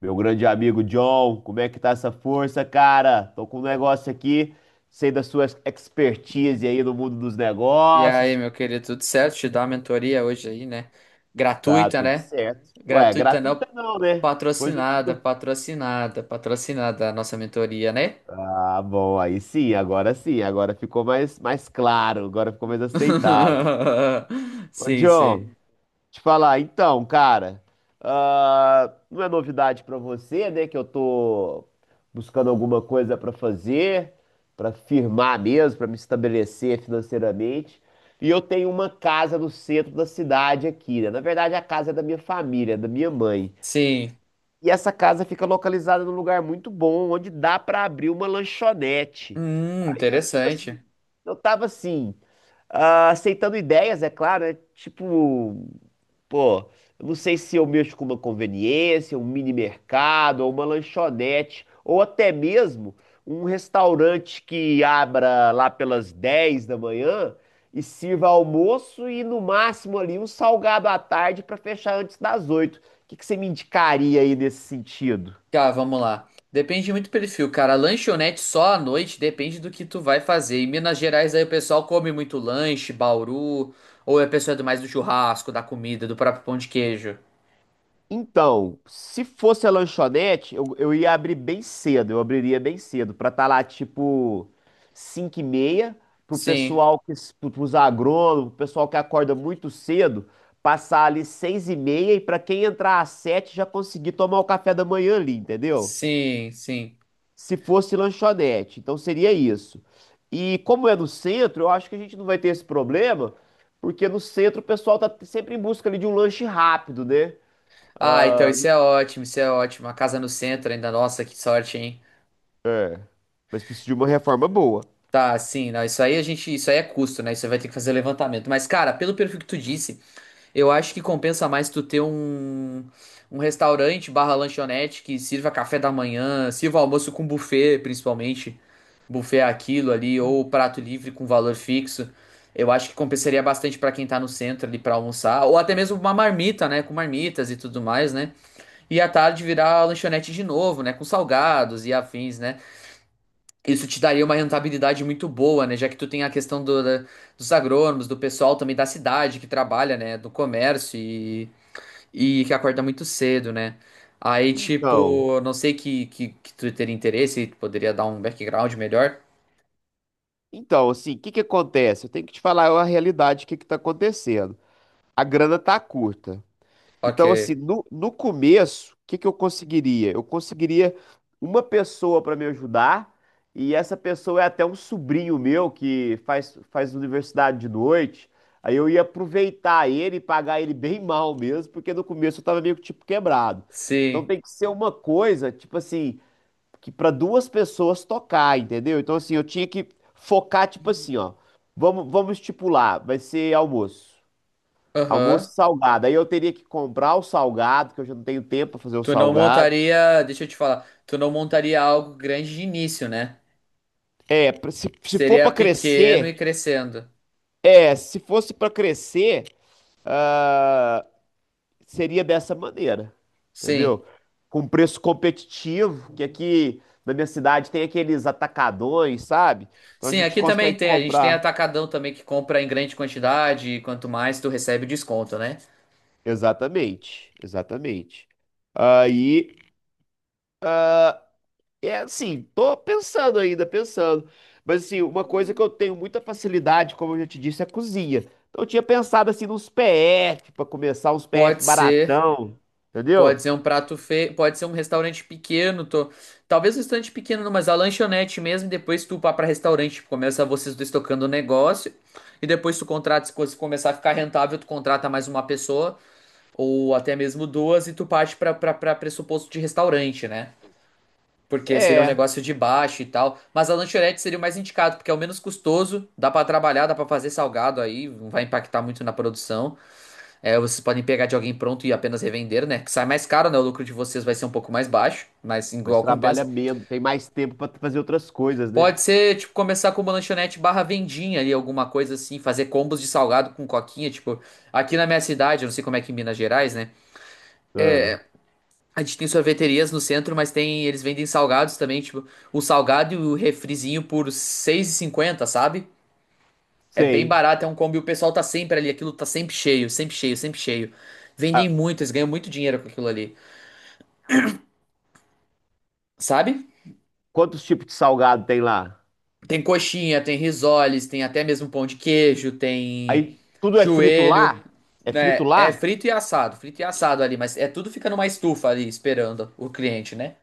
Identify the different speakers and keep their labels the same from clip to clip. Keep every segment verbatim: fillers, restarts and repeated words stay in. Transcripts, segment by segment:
Speaker 1: Meu grande amigo John, como é que tá essa força, cara? Tô com um negócio aqui, sei da sua expertise aí no mundo dos
Speaker 2: E aí,
Speaker 1: negócios.
Speaker 2: meu querido, tudo certo? Te dá uma mentoria hoje aí, né?
Speaker 1: Tá
Speaker 2: Gratuita,
Speaker 1: tudo
Speaker 2: né?
Speaker 1: certo. Ué, é
Speaker 2: Gratuita
Speaker 1: gratuita
Speaker 2: não,
Speaker 1: não, né? Pois eu te
Speaker 2: patrocinada,
Speaker 1: dou.
Speaker 2: patrocinada, patrocinada a nossa mentoria, né?
Speaker 1: Ah, bom, aí sim, agora sim, agora ficou mais, mais claro, agora ficou mais aceitável. Ô,
Speaker 2: Sim, sim.
Speaker 1: John, te falar, então, cara, ah, não é novidade pra você, né, que eu tô buscando alguma coisa pra fazer, pra firmar mesmo, pra me estabelecer financeiramente. E eu tenho uma casa no centro da cidade aqui, né? Na verdade, a casa é da minha família, é da minha mãe.
Speaker 2: Sim.
Speaker 1: E essa casa fica localizada num lugar muito bom, onde dá pra abrir uma lanchonete.
Speaker 2: Hum,
Speaker 1: Aí eu, tipo assim,
Speaker 2: interessante.
Speaker 1: eu tava assim, ah, aceitando ideias, é claro, né? Tipo pô, eu não sei se eu mexo com uma conveniência, um mini mercado, ou uma lanchonete, ou até mesmo um restaurante que abra lá pelas dez da manhã e sirva almoço e no máximo ali um salgado à tarde para fechar antes das oito. O que que você me indicaria aí nesse sentido?
Speaker 2: Tá, vamos lá. Depende muito do perfil, cara. Lanchonete só à noite depende do que tu vai fazer. Em Minas Gerais aí o pessoal come muito lanche, bauru, ou a pessoa é do mais do churrasco, da comida, do próprio pão de queijo.
Speaker 1: Então, se fosse a lanchonete, eu, eu ia abrir bem cedo, eu abriria bem cedo, pra estar lá tipo cinco e meia, pro
Speaker 2: Sim.
Speaker 1: pessoal que, pro- pros agrônomos, pro pessoal que acorda muito cedo, passar ali seis e meia e pra quem entrar às sete já conseguir tomar o café da manhã ali, entendeu?
Speaker 2: Sim, sim.
Speaker 1: Se fosse lanchonete, então seria isso. E como é no centro, eu acho que a gente não vai ter esse problema, porque no centro o pessoal tá sempre em busca ali de um lanche rápido, né?
Speaker 2: Ah, então isso é ótimo, isso é ótimo. A casa no centro ainda, nossa, que sorte, hein?
Speaker 1: Mas precisa de uma reforma boa.
Speaker 2: Tá, sim, não, isso aí a gente, isso aí é custo, né? Isso aí vai ter que fazer levantamento. Mas, cara, pelo perfil que tu disse, eu acho que compensa mais tu ter um, um restaurante barra lanchonete que sirva café da manhã, sirva almoço com buffet, principalmente. Buffet é aquilo ali, ou prato livre com valor fixo. Eu acho que compensaria bastante pra quem tá no centro ali pra almoçar, ou até mesmo uma marmita, né? Com marmitas e tudo mais, né? E à tarde virar lanchonete de novo, né? Com salgados e afins, né? Isso te daria uma rentabilidade muito boa, né? Já que tu tem a questão do, da- dos agrônomos, do pessoal também da cidade que trabalha, né? Do comércio e, e que acorda muito cedo, né? Aí,
Speaker 1: Então,
Speaker 2: tipo, não sei que, que, que tu teria interesse, tu poderia dar um background melhor.
Speaker 1: então, assim, o que que acontece? Eu tenho que te falar a realidade, o que que tá acontecendo. A grana tá curta.
Speaker 2: Ok.
Speaker 1: Então, assim, no, no começo, o que que eu conseguiria? Eu conseguiria uma pessoa para me ajudar, e essa pessoa é até um sobrinho meu que faz, faz universidade de noite. Aí eu ia aproveitar ele e pagar ele bem mal mesmo, porque no começo eu tava meio que tipo quebrado. Então
Speaker 2: Sim.
Speaker 1: tem que ser uma coisa, tipo assim, que para duas pessoas tocar, entendeu? Então assim, eu tinha que focar tipo assim, ó. Vamos, vamos estipular, vai ser almoço. Almoço
Speaker 2: Aham.
Speaker 1: e salgado. Aí eu teria que comprar o salgado, que eu já não tenho tempo para fazer o
Speaker 2: Tu não
Speaker 1: salgado.
Speaker 2: montaria, deixa eu te falar, tu não montaria algo grande de início, né?
Speaker 1: É, pra- se, se for
Speaker 2: Seria
Speaker 1: para
Speaker 2: pequeno
Speaker 1: crescer,
Speaker 2: e crescendo.
Speaker 1: é, se fosse para crescer, seria dessa maneira,
Speaker 2: Sim.
Speaker 1: entendeu? Com preço competitivo, que aqui na minha cidade tem aqueles atacadões, sabe? Então a
Speaker 2: Sim,
Speaker 1: gente
Speaker 2: aqui também
Speaker 1: consegue
Speaker 2: tem. A gente tem
Speaker 1: comprar.
Speaker 2: atacadão também que compra em grande quantidade e quanto mais tu recebe desconto, né?
Speaker 1: Exatamente, exatamente. Aí, é assim, tô pensando ainda, pensando. Mas assim, uma coisa que eu tenho muita facilidade, como eu já te disse, é a cozinha. Então eu tinha pensado assim nos P F, pra começar uns
Speaker 2: Pode
Speaker 1: P F
Speaker 2: ser,
Speaker 1: baratão, entendeu?
Speaker 2: pode ser um prato feio, pode ser um restaurante pequeno, tô... talvez um restaurante pequeno, não, mas a lanchonete mesmo, depois tu pá pra restaurante, tipo, começa vocês dois tocando o negócio e depois tu contrata, se coisa começar a ficar rentável, tu contrata mais uma pessoa ou até mesmo duas e tu parte pra, pra, pra pressuposto de restaurante, né? Porque seria um
Speaker 1: É,
Speaker 2: negócio de baixo e tal. Mas a lanchonete seria o mais indicado, porque é o menos custoso, dá pra trabalhar, dá pra fazer salgado aí, não vai impactar muito na produção. É, vocês podem pegar de alguém pronto e apenas revender, né? Que sai mais caro, né? O lucro de vocês vai ser um pouco mais baixo, mas
Speaker 1: mas
Speaker 2: igual
Speaker 1: trabalha
Speaker 2: compensa.
Speaker 1: menos, tem mais tempo pra fazer outras coisas, né?
Speaker 2: Pode ser, tipo, começar com uma lanchonete barra vendinha ali, alguma coisa assim, fazer combos de salgado com coquinha, tipo, aqui na minha cidade, eu não sei como é que em Minas Gerais, né?
Speaker 1: Ah,
Speaker 2: A gente tem sorveterias no centro, mas tem, eles vendem salgados também, tipo, o salgado e o refrizinho por R$ seis e cinquenta, sabe? É bem
Speaker 1: sei.
Speaker 2: barato, é um combo e o pessoal tá sempre ali, aquilo tá sempre cheio, sempre cheio, sempre cheio. Vendem
Speaker 1: Ah,
Speaker 2: muito, eles ganham muito dinheiro com aquilo ali, sabe?
Speaker 1: quantos tipos de salgado tem lá?
Speaker 2: Tem coxinha, tem risoles, tem até mesmo pão de queijo, tem
Speaker 1: Aí, tudo é frito
Speaker 2: joelho,
Speaker 1: lá? É frito
Speaker 2: né? É
Speaker 1: lá?
Speaker 2: frito e assado, frito e assado ali, mas é tudo fica numa estufa ali esperando o cliente, né?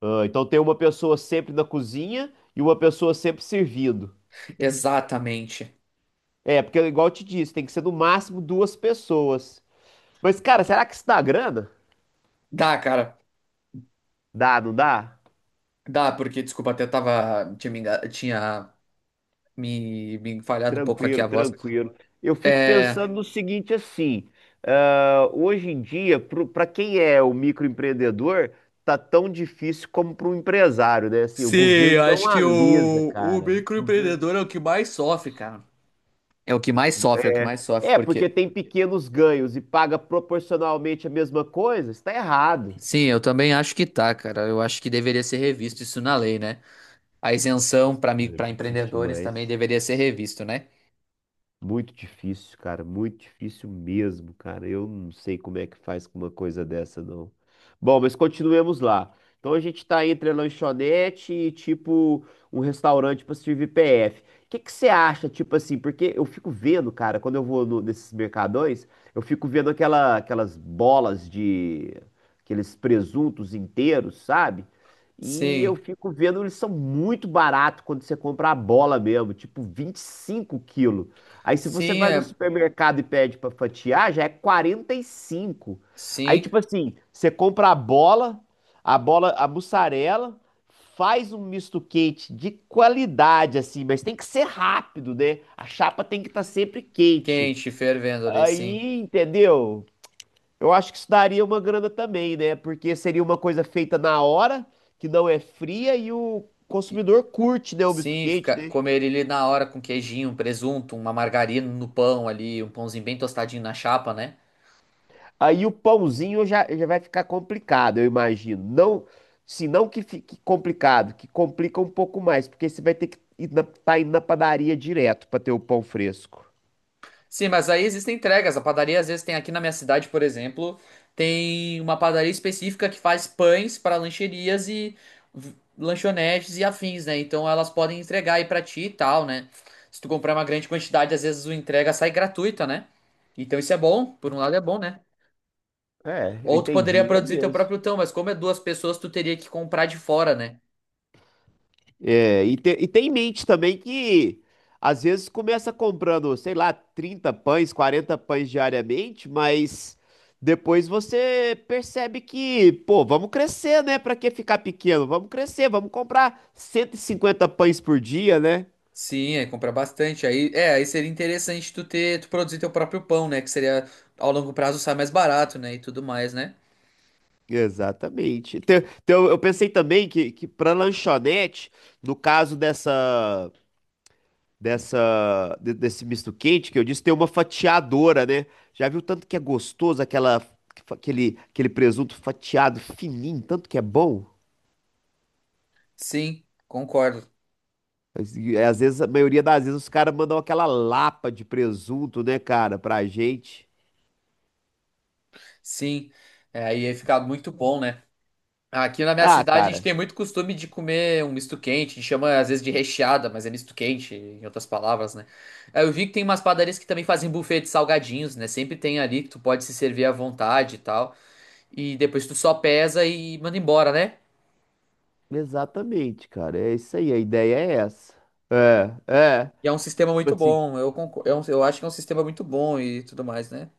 Speaker 1: Ah, então tem uma pessoa sempre na cozinha e uma pessoa sempre servindo.
Speaker 2: Exatamente.
Speaker 1: É, porque igual eu te disse, tem que ser no máximo duas pessoas. Mas, cara, será que isso dá grana?
Speaker 2: Dá, cara.
Speaker 1: Dá, não dá?
Speaker 2: Dá, porque, desculpa, até tava. Tinha me, enga- tinha me, me falhado um pouco aqui
Speaker 1: Tranquilo,
Speaker 2: a voz.
Speaker 1: tranquilo. Eu fico
Speaker 2: É.
Speaker 1: pensando no seguinte assim, ah, hoje em dia, para quem é o microempreendedor, tá tão difícil como para um empresário, né? Assim, o
Speaker 2: Sim, eu
Speaker 1: governo não
Speaker 2: acho que o,
Speaker 1: alisa,
Speaker 2: o
Speaker 1: cara. O governo...
Speaker 2: microempreendedor é o que mais sofre, cara. É o que mais sofre, é o que mais sofre,
Speaker 1: É, porque
Speaker 2: porque.
Speaker 1: tem pequenos ganhos e paga proporcionalmente a mesma coisa, está errado.
Speaker 2: Sim, eu também acho que tá, cara. Eu acho que deveria ser revisto isso na lei, né? A isenção para mim,
Speaker 1: É
Speaker 2: para
Speaker 1: difícil
Speaker 2: empreendedores também
Speaker 1: demais.
Speaker 2: deveria ser revisto, né?
Speaker 1: Muito difícil, cara, muito difícil mesmo, cara. Eu não sei como é que faz com uma coisa dessa, não. Bom, mas continuemos lá. Então a gente tá entre a lanchonete e tipo um restaurante pra servir P F. O que que você acha, tipo assim? Porque eu fico vendo, cara, quando eu vou no- nesses mercadões, eu fico vendo aquela, aquelas bolas de aqueles presuntos inteiros, sabe? E eu
Speaker 2: Sim.
Speaker 1: fico vendo, eles são muito baratos quando você compra a bola mesmo, tipo vinte e cinco quilos. Aí se você
Speaker 2: Sim,
Speaker 1: vai no
Speaker 2: é.
Speaker 1: supermercado e pede pra fatiar, já é quarenta e cinco. Aí
Speaker 2: Sim.
Speaker 1: tipo assim, você compra a bola, a bola, a mussarela, faz um misto quente de qualidade assim, mas tem que ser rápido, né? A chapa tem que estar sempre quente.
Speaker 2: Quente, fervendo ali, sim.
Speaker 1: Aí, entendeu? Eu acho que isso daria uma grana também, né? Porque seria uma coisa feita na hora, que não é fria e o consumidor curte, né, o misto
Speaker 2: Sim,
Speaker 1: quente,
Speaker 2: fica,
Speaker 1: né?
Speaker 2: comer ele na hora com queijinho, um presunto, uma margarina no pão ali, um pãozinho bem tostadinho na chapa, né?
Speaker 1: Aí o pãozinho já, já vai ficar complicado, eu imagino. Não, se não que fique complicado, que complica um pouco mais, porque você vai ter que ir na, tá indo na padaria direto para ter o pão fresco.
Speaker 2: Sim, mas aí existem entregas. A padaria às vezes tem aqui na minha cidade, por exemplo, tem uma padaria específica que faz pães para lancherias e v- lanchonetes e afins, né? Então elas podem entregar aí pra ti e tal, né? Se tu comprar uma grande quantidade, às vezes o entrega sai gratuita, né? Então isso é bom, por um lado é bom, né?
Speaker 1: É, eu
Speaker 2: Ou tu poderia
Speaker 1: entendi, é
Speaker 2: produzir teu
Speaker 1: mesmo.
Speaker 2: próprio pão, mas como é duas pessoas, tu teria que comprar de fora, né?
Speaker 1: É, e, te- e tem em mente também que às vezes começa comprando, sei lá, trinta pães, quarenta pães diariamente, mas depois você percebe que, pô, vamos crescer, né? Pra que ficar pequeno? Vamos crescer, vamos comprar cento e cinquenta pães por dia, né?
Speaker 2: Sim, aí comprar bastante. Aí, é, aí seria interessante tu ter, tu produzir teu próprio pão, né? Que seria ao longo prazo sai mais barato, né? E tudo mais, né?
Speaker 1: Exatamente. Então, então eu pensei também que, que para lanchonete, no caso dessa. dessa de- desse misto quente que eu disse, tem uma fatiadora, né? Já viu tanto que é gostoso aquela aquele aquele presunto fatiado fininho, tanto que é bom?
Speaker 2: Sim, concordo.
Speaker 1: Mas, e, é, Às vezes, a maioria das vezes os caras mandam aquela lapa de presunto, né, cara, pra gente.
Speaker 2: Sim. É, aí ia ficar muito bom, né? Aqui na minha
Speaker 1: Ah,
Speaker 2: cidade a gente
Speaker 1: cara,
Speaker 2: tem muito costume de comer um misto quente, a gente chama às vezes de recheada, mas é misto quente, em outras palavras, né? Aí eu vi que tem umas padarias que também fazem buffet de salgadinhos, né? Sempre tem ali que tu pode se servir à vontade e tal. E depois tu só pesa e manda embora, né?
Speaker 1: exatamente, cara. É isso aí, a ideia é essa. É, é.
Speaker 2: E é um sistema
Speaker 1: Tipo
Speaker 2: muito
Speaker 1: assim,
Speaker 2: bom. Eu, concor- é um- eu acho que é um sistema muito bom e tudo mais, né?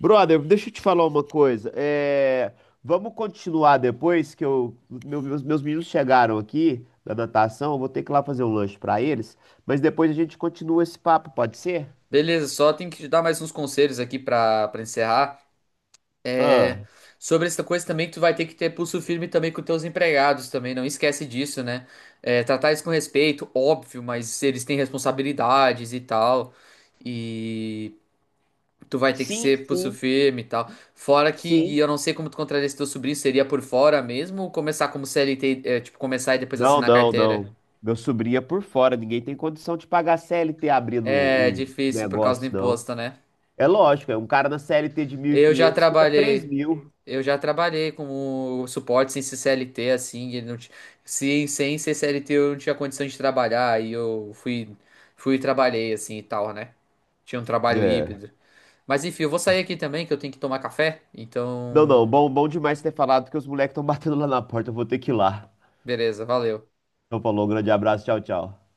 Speaker 1: brother, deixa eu te falar uma coisa. É, vamos continuar depois que eu, meu- meus, meus meninos chegaram aqui da natação. Eu vou ter que ir lá fazer um lanche para eles, mas depois a gente continua esse papo, pode ser?
Speaker 2: Beleza, só tem que te dar mais uns conselhos aqui pra para encerrar. É,
Speaker 1: Ah,
Speaker 2: sobre essa coisa também, tu vai ter que ter pulso firme também com teus empregados também. Não esquece disso, né? É, tratar isso com respeito, óbvio, mas eles têm responsabilidades e tal. E tu vai ter que
Speaker 1: sim,
Speaker 2: ser pulso
Speaker 1: sim,
Speaker 2: firme e tal. Fora que
Speaker 1: sim.
Speaker 2: eu não sei como tu contraria esse teu sobrinho, seria por fora mesmo ou começar como C L T, é, tipo, começar e depois
Speaker 1: Não,
Speaker 2: assinar
Speaker 1: não,
Speaker 2: carteira?
Speaker 1: não. Meu sobrinho é por fora. Ninguém tem condição de pagar C L T abrindo
Speaker 2: É
Speaker 1: um um
Speaker 2: difícil por causa do
Speaker 1: negócio, não.
Speaker 2: imposto, né?
Speaker 1: É lógico, é um cara na C L T de mil e
Speaker 2: Eu já
Speaker 1: quinhentos fica três
Speaker 2: trabalhei,
Speaker 1: mil.
Speaker 2: eu já trabalhei com o suporte sem ser C L T, assim, e não ti- se sem ser C L T eu não tinha condição de trabalhar, aí eu fui, fui e trabalhei, assim, e tal, né? Tinha um trabalho
Speaker 1: É.
Speaker 2: híbrido. Mas enfim, eu vou sair aqui também, que eu tenho que tomar café,
Speaker 1: Não, não,
Speaker 2: então,
Speaker 1: bom, bom demais ter falado, porque os moleques estão batendo lá na porta. Eu vou ter que ir lá.
Speaker 2: beleza, valeu.
Speaker 1: Então falou, um grande abraço, tchau, tchau.